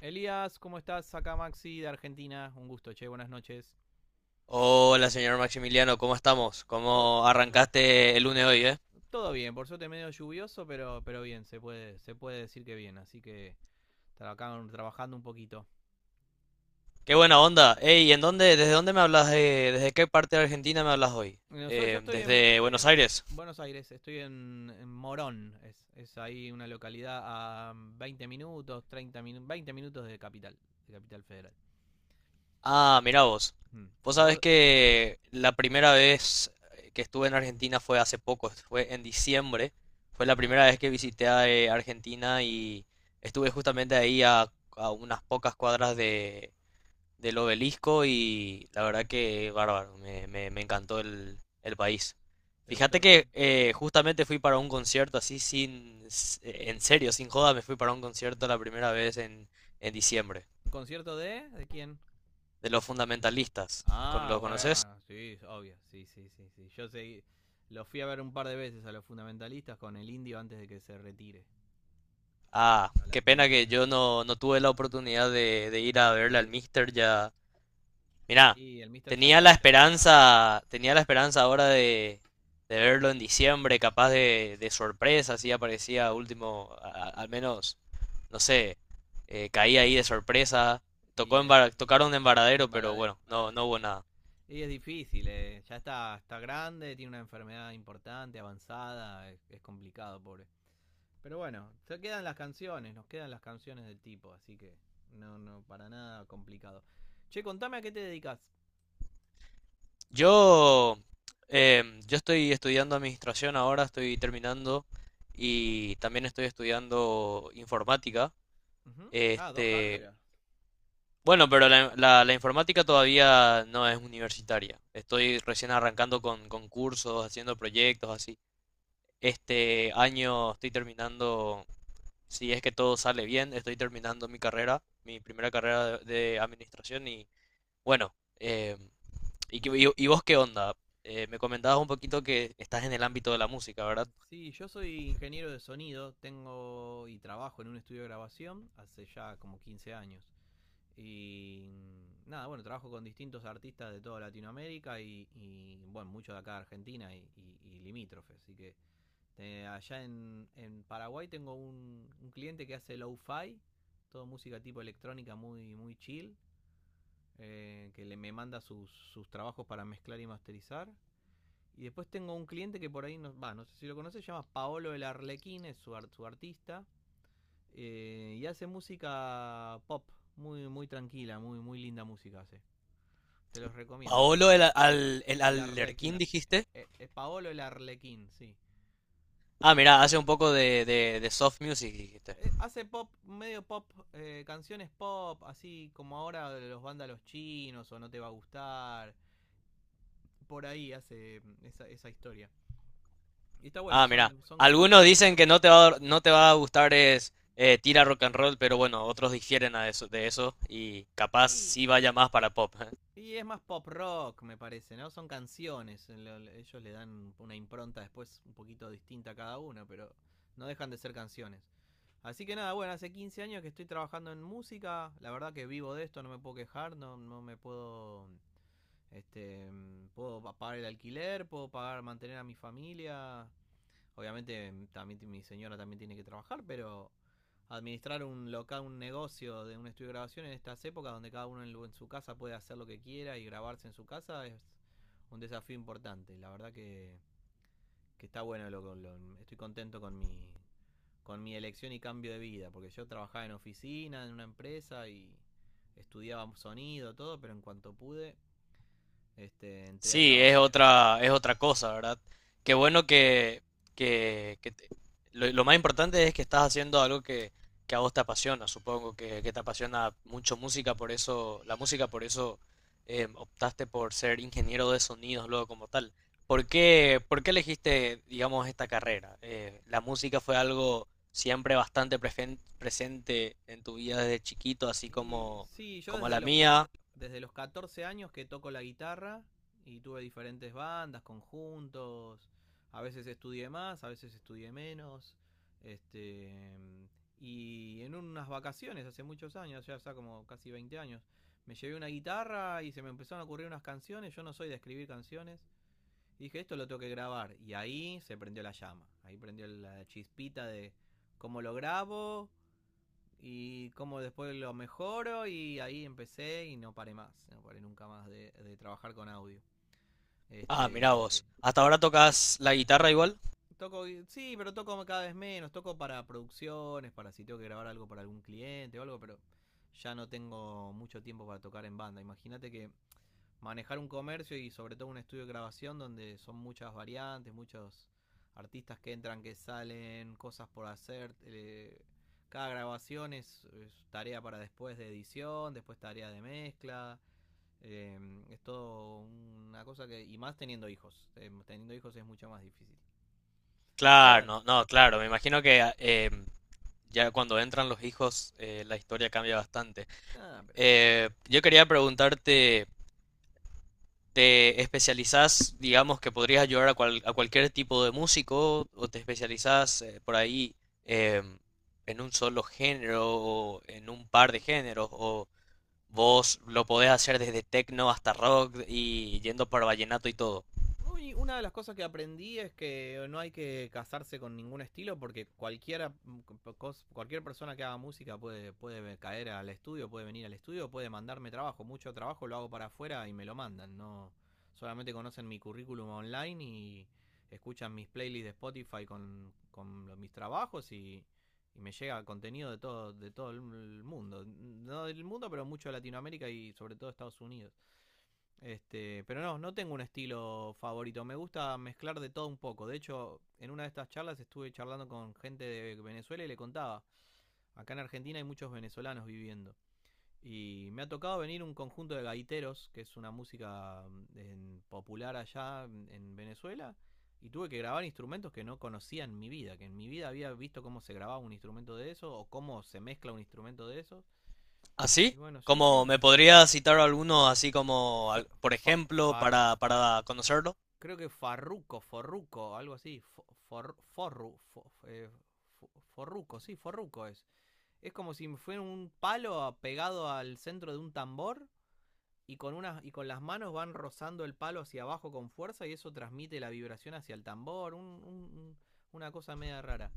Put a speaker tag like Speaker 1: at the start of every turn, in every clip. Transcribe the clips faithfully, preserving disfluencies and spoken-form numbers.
Speaker 1: Elías, ¿cómo estás? Acá Maxi de Argentina. Un gusto, che, buenas noches.
Speaker 2: Hola, señor Maximiliano, ¿cómo estamos?
Speaker 1: To-
Speaker 2: ¿Cómo arrancaste el lunes hoy, eh?
Speaker 1: todo bien, por suerte medio lluvioso, pero, pero bien, se puede, se puede decir que bien. Así que tra- acá trabajando un poquito.
Speaker 2: Qué buena onda. Ey, ¿en dónde, ¿desde dónde me hablas? eh, ¿desde qué parte de Argentina me hablas hoy?
Speaker 1: Bueno, Yo, yo
Speaker 2: Eh,
Speaker 1: estoy en
Speaker 2: ¿desde Buenos Aires?
Speaker 1: Buenos Aires, estoy en, en Morón. Es, es ahí una localidad a veinte minutos, treinta minutos, veinte minutos de Capital, de Capital Federal.
Speaker 2: Ah, mira vos.
Speaker 1: Mm.
Speaker 2: Vos sabés
Speaker 1: ¿Vos?
Speaker 2: que la primera vez que estuve en Argentina fue hace poco, fue en diciembre. Fue la
Speaker 1: Ah,
Speaker 2: primera vez que visité a, eh, Argentina y estuve justamente ahí a, a unas pocas cuadras del obelisco y la verdad que bárbaro, me, me- me encantó el, el país.
Speaker 1: ¿te gustó,
Speaker 2: Fíjate que
Speaker 1: Argen?
Speaker 2: eh, justamente fui para un concierto así sin, s- eh, en serio, sin joda, me fui para un concierto la primera vez en, en diciembre,
Speaker 1: ¿Un concierto de? ¿De quién?
Speaker 2: de los fundamentalistas. ¿Con-
Speaker 1: Ah,
Speaker 2: ¿Lo conoces?
Speaker 1: bueno, sí, obvio, sí, sí, sí, sí. Yo seguí, lo fui a ver un par de veces a los fundamentalistas con el indio antes de que se retire
Speaker 2: Ah, Ah,
Speaker 1: a
Speaker 2: qué
Speaker 1: las
Speaker 2: pena
Speaker 1: misas.
Speaker 2: que yo no, no tuve la oportunidad de, de ir a verle
Speaker 1: De
Speaker 2: al
Speaker 1: ir.
Speaker 2: Mister, ya. Mirá,
Speaker 1: Y el mister ya
Speaker 2: tenía la
Speaker 1: está,
Speaker 2: esperanza, tenía la esperanza ahora de, de verlo en diciembre, capaz de, de sorpresa, si aparecía último, a- al menos, no sé, eh, caía ahí de sorpresa. Tocó
Speaker 1: y
Speaker 2: en
Speaker 1: eh,
Speaker 2: Vara- tocaron en Varadero,
Speaker 1: en
Speaker 2: pero
Speaker 1: varadero.
Speaker 2: bueno, no, no hubo nada.
Speaker 1: Y es difícil, eh, ya está, está grande, tiene una enfermedad importante, avanzada, es, es complicado, pobre. Pero bueno, se quedan las canciones, nos quedan las canciones del tipo, así que no, no, para nada complicado. Che, contame a qué te dedicas.
Speaker 2: Yo, em, yo estoy estudiando administración ahora, estoy terminando y también estoy estudiando informática.
Speaker 1: Ujú. Ah, dos
Speaker 2: Este,
Speaker 1: carreras.
Speaker 2: Bueno, pero la, la- la informática todavía no es universitaria. Estoy recién arrancando con, con cursos, haciendo proyectos, así. Este año estoy terminando, si es que todo sale bien, estoy terminando mi carrera, mi primera carrera de, de administración y bueno, eh, ¿y, qué- y- y vos qué onda? Eh, me comentabas un poquito que estás en el ámbito de la música, ¿verdad?
Speaker 1: Sí, yo soy ingeniero de sonido, tengo y trabajo en un estudio de grabación hace ya como quince años. Y mm, nada, bueno, trabajo con distintos artistas de toda Latinoamérica y, y, bueno, muchos de acá de Argentina y, y- y limítrofes. Así que eh, allá en, en Paraguay tengo un, un cliente que hace lo-fi, todo música tipo electrónica muy, muy chill, eh, que le, me manda sus, sus trabajos para mezclar y masterizar. Y después tengo un cliente que por ahí, no, va, no sé si lo conoces, se llama Paolo el Arlequín, es su, art- su artista. eh, y hace música pop, muy, muy tranquila, muy, muy linda música hace. Te los recomiendo, se
Speaker 2: Paolo, el,
Speaker 1: pasa.
Speaker 2: al, el
Speaker 1: El
Speaker 2: Alerquín
Speaker 1: Arlequín.
Speaker 2: dijiste.
Speaker 1: Eh, eh, Paolo el Arlequín, sí.
Speaker 2: Ah, mira, hace un poco de, de de soft music dijiste.
Speaker 1: Eh, hace pop, medio pop, eh, canciones pop, así como ahora de los vándalos chinos o no te va a gustar. Por ahí hace mm, esa, esa historia. Y está bueno,
Speaker 2: Ah, mira,
Speaker 1: son, son dos...
Speaker 2: algunos dicen que no te va a, no te va a gustar es eh, tira rock and roll, pero bueno, otros difieren a eso, de eso y capaz
Speaker 1: Y
Speaker 2: sí vaya más para pop.
Speaker 1: Y es más pop rock, me parece, ¿no? Son canciones. Ellos le dan una impronta después un poquito distinta a cada una, pero no dejan de ser canciones. Así que nada, bueno, hace quince años que estoy trabajando en música. La verdad que vivo de esto, no me puedo quejar, no, no me puedo. Este, mm, puedo pagar el alquiler, puedo pagar, mantener a mi familia. Obviamente mm, también mi señora también tiene que trabajar, pero administrar un local, un negocio de un estudio de grabación en estas épocas donde cada uno en, en su casa puede hacer lo que quiera y grabarse en su casa es un desafío importante. La verdad que, que está bueno, lo, lo, estoy contento con mi, con mi elección y cambio de vida, porque yo trabajaba en oficina, en una empresa y estudiaba sonido, todo, pero en cuanto pude, este, entré a
Speaker 2: Sí, es
Speaker 1: trabajar.
Speaker 2: otra, es otra cosa, ¿verdad? Qué bueno que, que, que te- lo, lo más importante es que estás haciendo algo que, que a vos te apasiona, supongo que, que te apasiona mucho música, por eso, la música, por eso eh, optaste por ser ingeniero de sonidos luego como tal. ¿Por qué, por qué elegiste, digamos, esta carrera? Eh, ¿la música fue algo siempre bastante prefen- presente en tu vida desde chiquito, así
Speaker 1: Y
Speaker 2: como,
Speaker 1: sí, yo
Speaker 2: como la
Speaker 1: desde los, ca-
Speaker 2: mía?
Speaker 1: desde los catorce años que toco la guitarra y tuve diferentes bandas, conjuntos. A veces estudié más, a veces estudié menos. Este, mm, y en unas vacaciones hace muchos años, ya hace como casi veinte años, me llevé una guitarra y se me empezaron a ocurrir unas canciones. Yo no soy de escribir canciones. Y dije, esto lo tengo que grabar. Y ahí se prendió la llama. Ahí prendió la chispita de cómo lo grabo, y como después lo mejoro y ahí empecé y no paré más, no paré nunca más de, de trabajar con audio.
Speaker 2: Ah,
Speaker 1: Este,
Speaker 2: mira vos. ¿Hasta ahora tocas la guitarra igual?
Speaker 1: toco, sí, pero toco cada vez menos, toco para producciones, para si tengo que grabar algo para algún cliente o algo, pero ya no tengo mucho tiempo para tocar en banda. Imagínate que manejar un comercio y sobre todo un estudio de grabación donde son muchas variantes, muchos artistas que entran, que salen, cosas por hacer. eh, cada grabación es, es tarea para después de edición, después tarea de mezcla. eh, es todo una cosa que... Y más teniendo hijos. eh, teniendo hijos es mucho más difícil. Pero
Speaker 2: Claro,
Speaker 1: bueno,
Speaker 2: no, no, claro, me imagino que a- em, ya cuando entran los hijos eh, la historia cambia bastante.
Speaker 1: ah, pero... eh,
Speaker 2: Eh, yo quería preguntarte, ¿te especializás, digamos, que podrías ayudar a, cual- a cualquier tipo de músico o te especializás eh, por ahí em, en un solo género o en un par de géneros o vos lo podés hacer desde techno hasta rock y yendo para vallenato y todo?
Speaker 1: Uy, una de las cosas que aprendí es que no hay que casarse con ningún estilo porque cualquiera, cos- cualquier persona que haga música puede, puede caer al estudio, puede venir al estudio, puede mandarme trabajo. Mucho trabajo lo hago para afuera y me lo mandan. No solamente conocen mi currículum online y escuchan mis playlists de Spotify con, con los- mis trabajos y, y me llega contenido de todo, de todo el mundo. No del mundo, pero mucho de Latinoamérica y sobre todo Estados Unidos. Este, pero no, no tengo un estilo favorito. Me gusta mezclar de todo un poco. De hecho, en una de estas charlas estuve charlando con gente de Venezuela y le contaba. Acá en Argentina hay muchos venezolanos viviendo. Y me ha tocado venir un conjunto de gaiteros, que es una música mm, en- popular allá mm, en Venezuela. Y tuve que grabar instrumentos que no conocía en mi vida, que en mi vida había visto cómo se grababa un instrumento de eso o cómo se mezcla un instrumento de eso. Y
Speaker 2: ¿Así?
Speaker 1: bueno, sí,
Speaker 2: ¿Cómo
Speaker 1: sí.
Speaker 2: me podría citar alguno así como,
Speaker 1: Fa-
Speaker 2: al- por
Speaker 1: fa-
Speaker 2: ejemplo,
Speaker 1: far-
Speaker 2: para, para conocerlo?
Speaker 1: Creo que Farruco, Forruco, algo así. For, for- forru, fo- eh, fo- forruco, sí, Forruco es. Es como si fuera un palo pegado al centro de un tambor y con, unas, y con las manos van rozando el palo hacia abajo con fuerza y eso transmite la vibración hacia el tambor. un- un- una cosa media rara.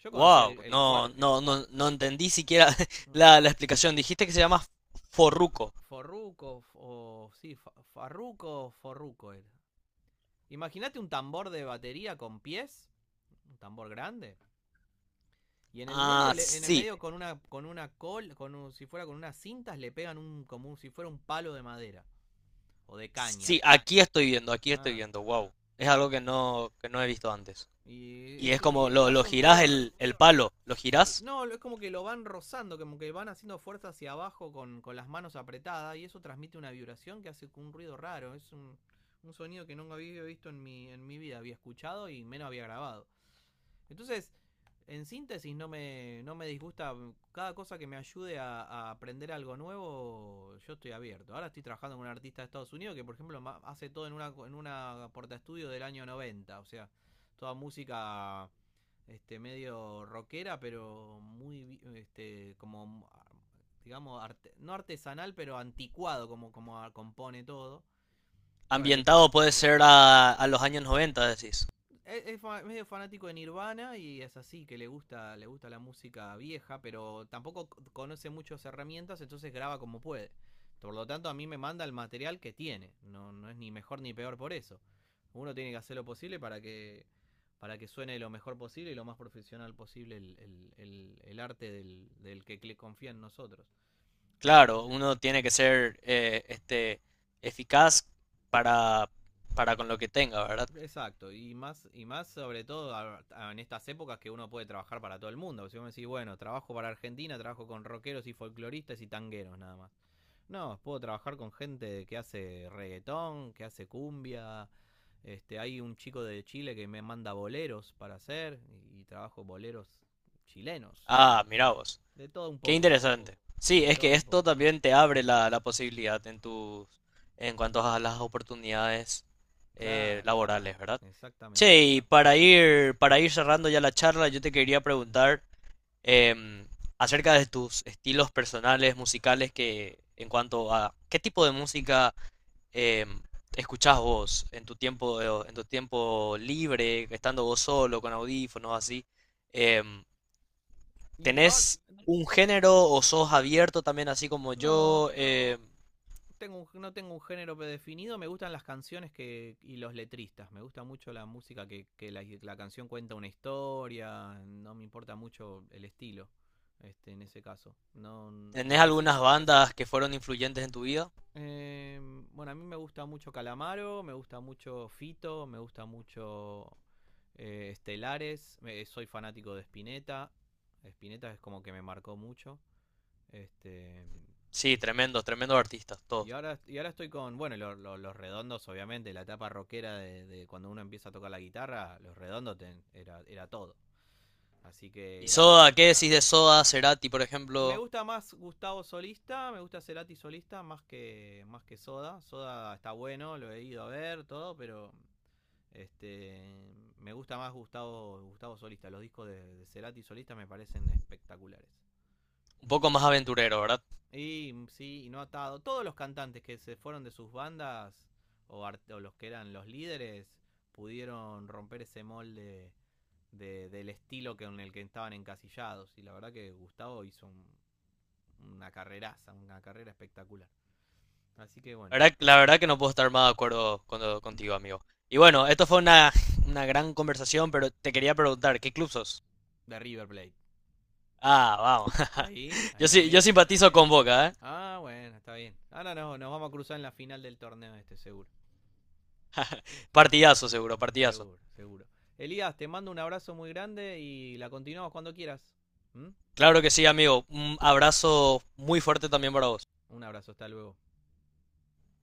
Speaker 1: Yo conocía
Speaker 2: Wow,
Speaker 1: el, el
Speaker 2: no,
Speaker 1: cua-
Speaker 2: no, no, no entendí siquiera la, la explicación. Dijiste que se llama Forruco.
Speaker 1: Forruco, o sí, fa- Farruco, Forruco era. Imagínate un tambor de batería con pies, un tambor grande. Y en el medio,
Speaker 2: Ah,
Speaker 1: en el
Speaker 2: sí,
Speaker 1: medio con una, con una col, con un- si fuera con unas cintas, le pegan un, como un- si fuera un palo de madera o de caña.
Speaker 2: sí, aquí estoy viendo, aquí estoy
Speaker 1: Ah,
Speaker 2: viendo, wow. Es algo que no, que no he visto antes.
Speaker 1: y,
Speaker 2: Y
Speaker 1: es
Speaker 2: es
Speaker 1: un,
Speaker 2: como,
Speaker 1: y
Speaker 2: lo, lo
Speaker 1: hace un
Speaker 2: girás
Speaker 1: ruido,
Speaker 2: el, el palo, lo
Speaker 1: eh,
Speaker 2: girás.
Speaker 1: no, es como que lo van rozando, como que van haciendo fuerza hacia abajo con, con las manos apretadas y eso transmite una vibración que hace un ruido raro. Es un, un sonido que nunca había visto en mi, en mi vida, había escuchado y menos había grabado. Entonces, en síntesis, no me, no me disgusta. Cada cosa que me ayude a, a aprender algo nuevo, yo estoy abierto. Ahora estoy trabajando con un artista de Estados Unidos que, por ejemplo, hace todo en una, en una porta estudio del año noventa. O sea, toda música este medio rockera, pero muy este como digamos arte- no artesanal, pero anticuado como como compone todo. Y bueno, hay que tra-
Speaker 2: Ambientado puede ser a, a los años noventa, decís.
Speaker 1: Es, es medio fanático de Nirvana y es así, que le gusta, le gusta la música vieja, pero tampoco conoce muchas herramientas, entonces graba como puede. Por lo tanto, a mí me manda el material que tiene. No, no es ni mejor ni peor por eso. Uno tiene que hacer lo posible para que, para que suene lo mejor posible y lo más profesional posible el, el- el- el arte del, del que le confía en nosotros. Así que
Speaker 2: Claro,
Speaker 1: eh,
Speaker 2: uno tiene que ser eh, este, eficaz para, para con lo que tenga, ¿verdad?
Speaker 1: exacto, y más, y más sobre todo a- a- en estas épocas que uno puede trabajar para todo el mundo. Si vos me decís, bueno, trabajo para Argentina, trabajo con rockeros y folcloristas y tangueros nada más. No, puedo trabajar con gente que hace reggaetón, que hace cumbia. Este, hay un chico de Chile que me manda boleros para hacer y, y trabajo boleros chilenos.
Speaker 2: Ah,
Speaker 1: Y-
Speaker 2: mira vos.
Speaker 1: De todo un
Speaker 2: Qué
Speaker 1: poco,
Speaker 2: interesante. Sí,
Speaker 1: de
Speaker 2: es
Speaker 1: todo
Speaker 2: que
Speaker 1: un
Speaker 2: esto
Speaker 1: poco.
Speaker 2: también te abre la, la posibilidad en tus, en cuanto a las oportunidades eh,
Speaker 1: Claro,
Speaker 2: laborales, ¿verdad? Che,
Speaker 1: exactamente.
Speaker 2: y para ir, para ir cerrando ya la charla, yo te quería preguntar em, acerca de tus estilos personales, musicales, que en cuanto a qué tipo de música eh, escuchás vos en tu tiempo, en tu tiempo libre, estando vos solo, con audífonos, así? Em,
Speaker 1: Y ahora,
Speaker 2: ¿Tenés un género o sos abierto también así como
Speaker 1: no,
Speaker 2: yo? Em,
Speaker 1: tengo un- no tengo un género predefinido, me gustan las canciones que y los letristas, me gusta mucho la música que, que la, la canción cuenta una historia, no me importa mucho el estilo, este, en ese caso. No,
Speaker 2: ¿tenés
Speaker 1: lo que sí,
Speaker 2: algunas bandas que fueron influyentes en tu vida?
Speaker 1: eh, bueno, a mí me gusta mucho Calamaro, me gusta mucho Fito, me gusta mucho eh, Estelares, me- soy fanático de Spinetta, Spinetta es como que me marcó mucho, este,
Speaker 2: Sí, tremendos, tremendos artistas,
Speaker 1: y
Speaker 2: todos.
Speaker 1: ahora, y ahora estoy con, bueno, lo- lo- los redondos, obviamente, la etapa rockera de, de cuando uno empieza a tocar la guitarra, los redondos ten- era, era todo. Así que
Speaker 2: ¿Y
Speaker 1: era...
Speaker 2: Soda? ¿Qué decís de Soda, Cerati, por
Speaker 1: Me
Speaker 2: ejemplo?
Speaker 1: gusta más Gustavo solista, me gusta Cerati solista más que, más que Soda. Soda está bueno, lo he ido a ver, todo, pero este me gusta más Gustavo, Gustavo solista. Los discos de, de Cerati solista me parecen espectaculares.
Speaker 2: Un poco más aventurero, ¿verdad?
Speaker 1: Y mm, sí, y no atado. Todos los cantantes que se fueron de sus bandas o, o los que eran los líderes pudieron romper ese molde de- del estilo que, en el que estaban encasillados. Y la verdad que Gustavo hizo un- una carreraza, una carrera espectacular. Así que
Speaker 2: La
Speaker 1: bueno,
Speaker 2: verdad, la verdad que no puedo estar más de acuerdo con- contigo, amigo. Y bueno, esto fue una, una gran conversación, pero te quería preguntar, ¿qué club sos?
Speaker 1: de River Plate.
Speaker 2: Ah, vamos.
Speaker 1: Ahí,
Speaker 2: Yo
Speaker 1: ahí
Speaker 2: sí, yo
Speaker 1: también.
Speaker 2: simpatizo con Boca, ¿eh?
Speaker 1: Ah, bueno, está bien. Ahora no, nos vamos a cruzar en la final del torneo este, seguro.
Speaker 2: Partidazo, seguro, partidazo.
Speaker 1: Seguro, seguro. Elías, te mando un abrazo muy grande y la continuamos cuando quieras. ¿Mm?
Speaker 2: Claro que sí, amigo. Un abrazo muy fuerte también para vos.
Speaker 1: Un abrazo, hasta luego.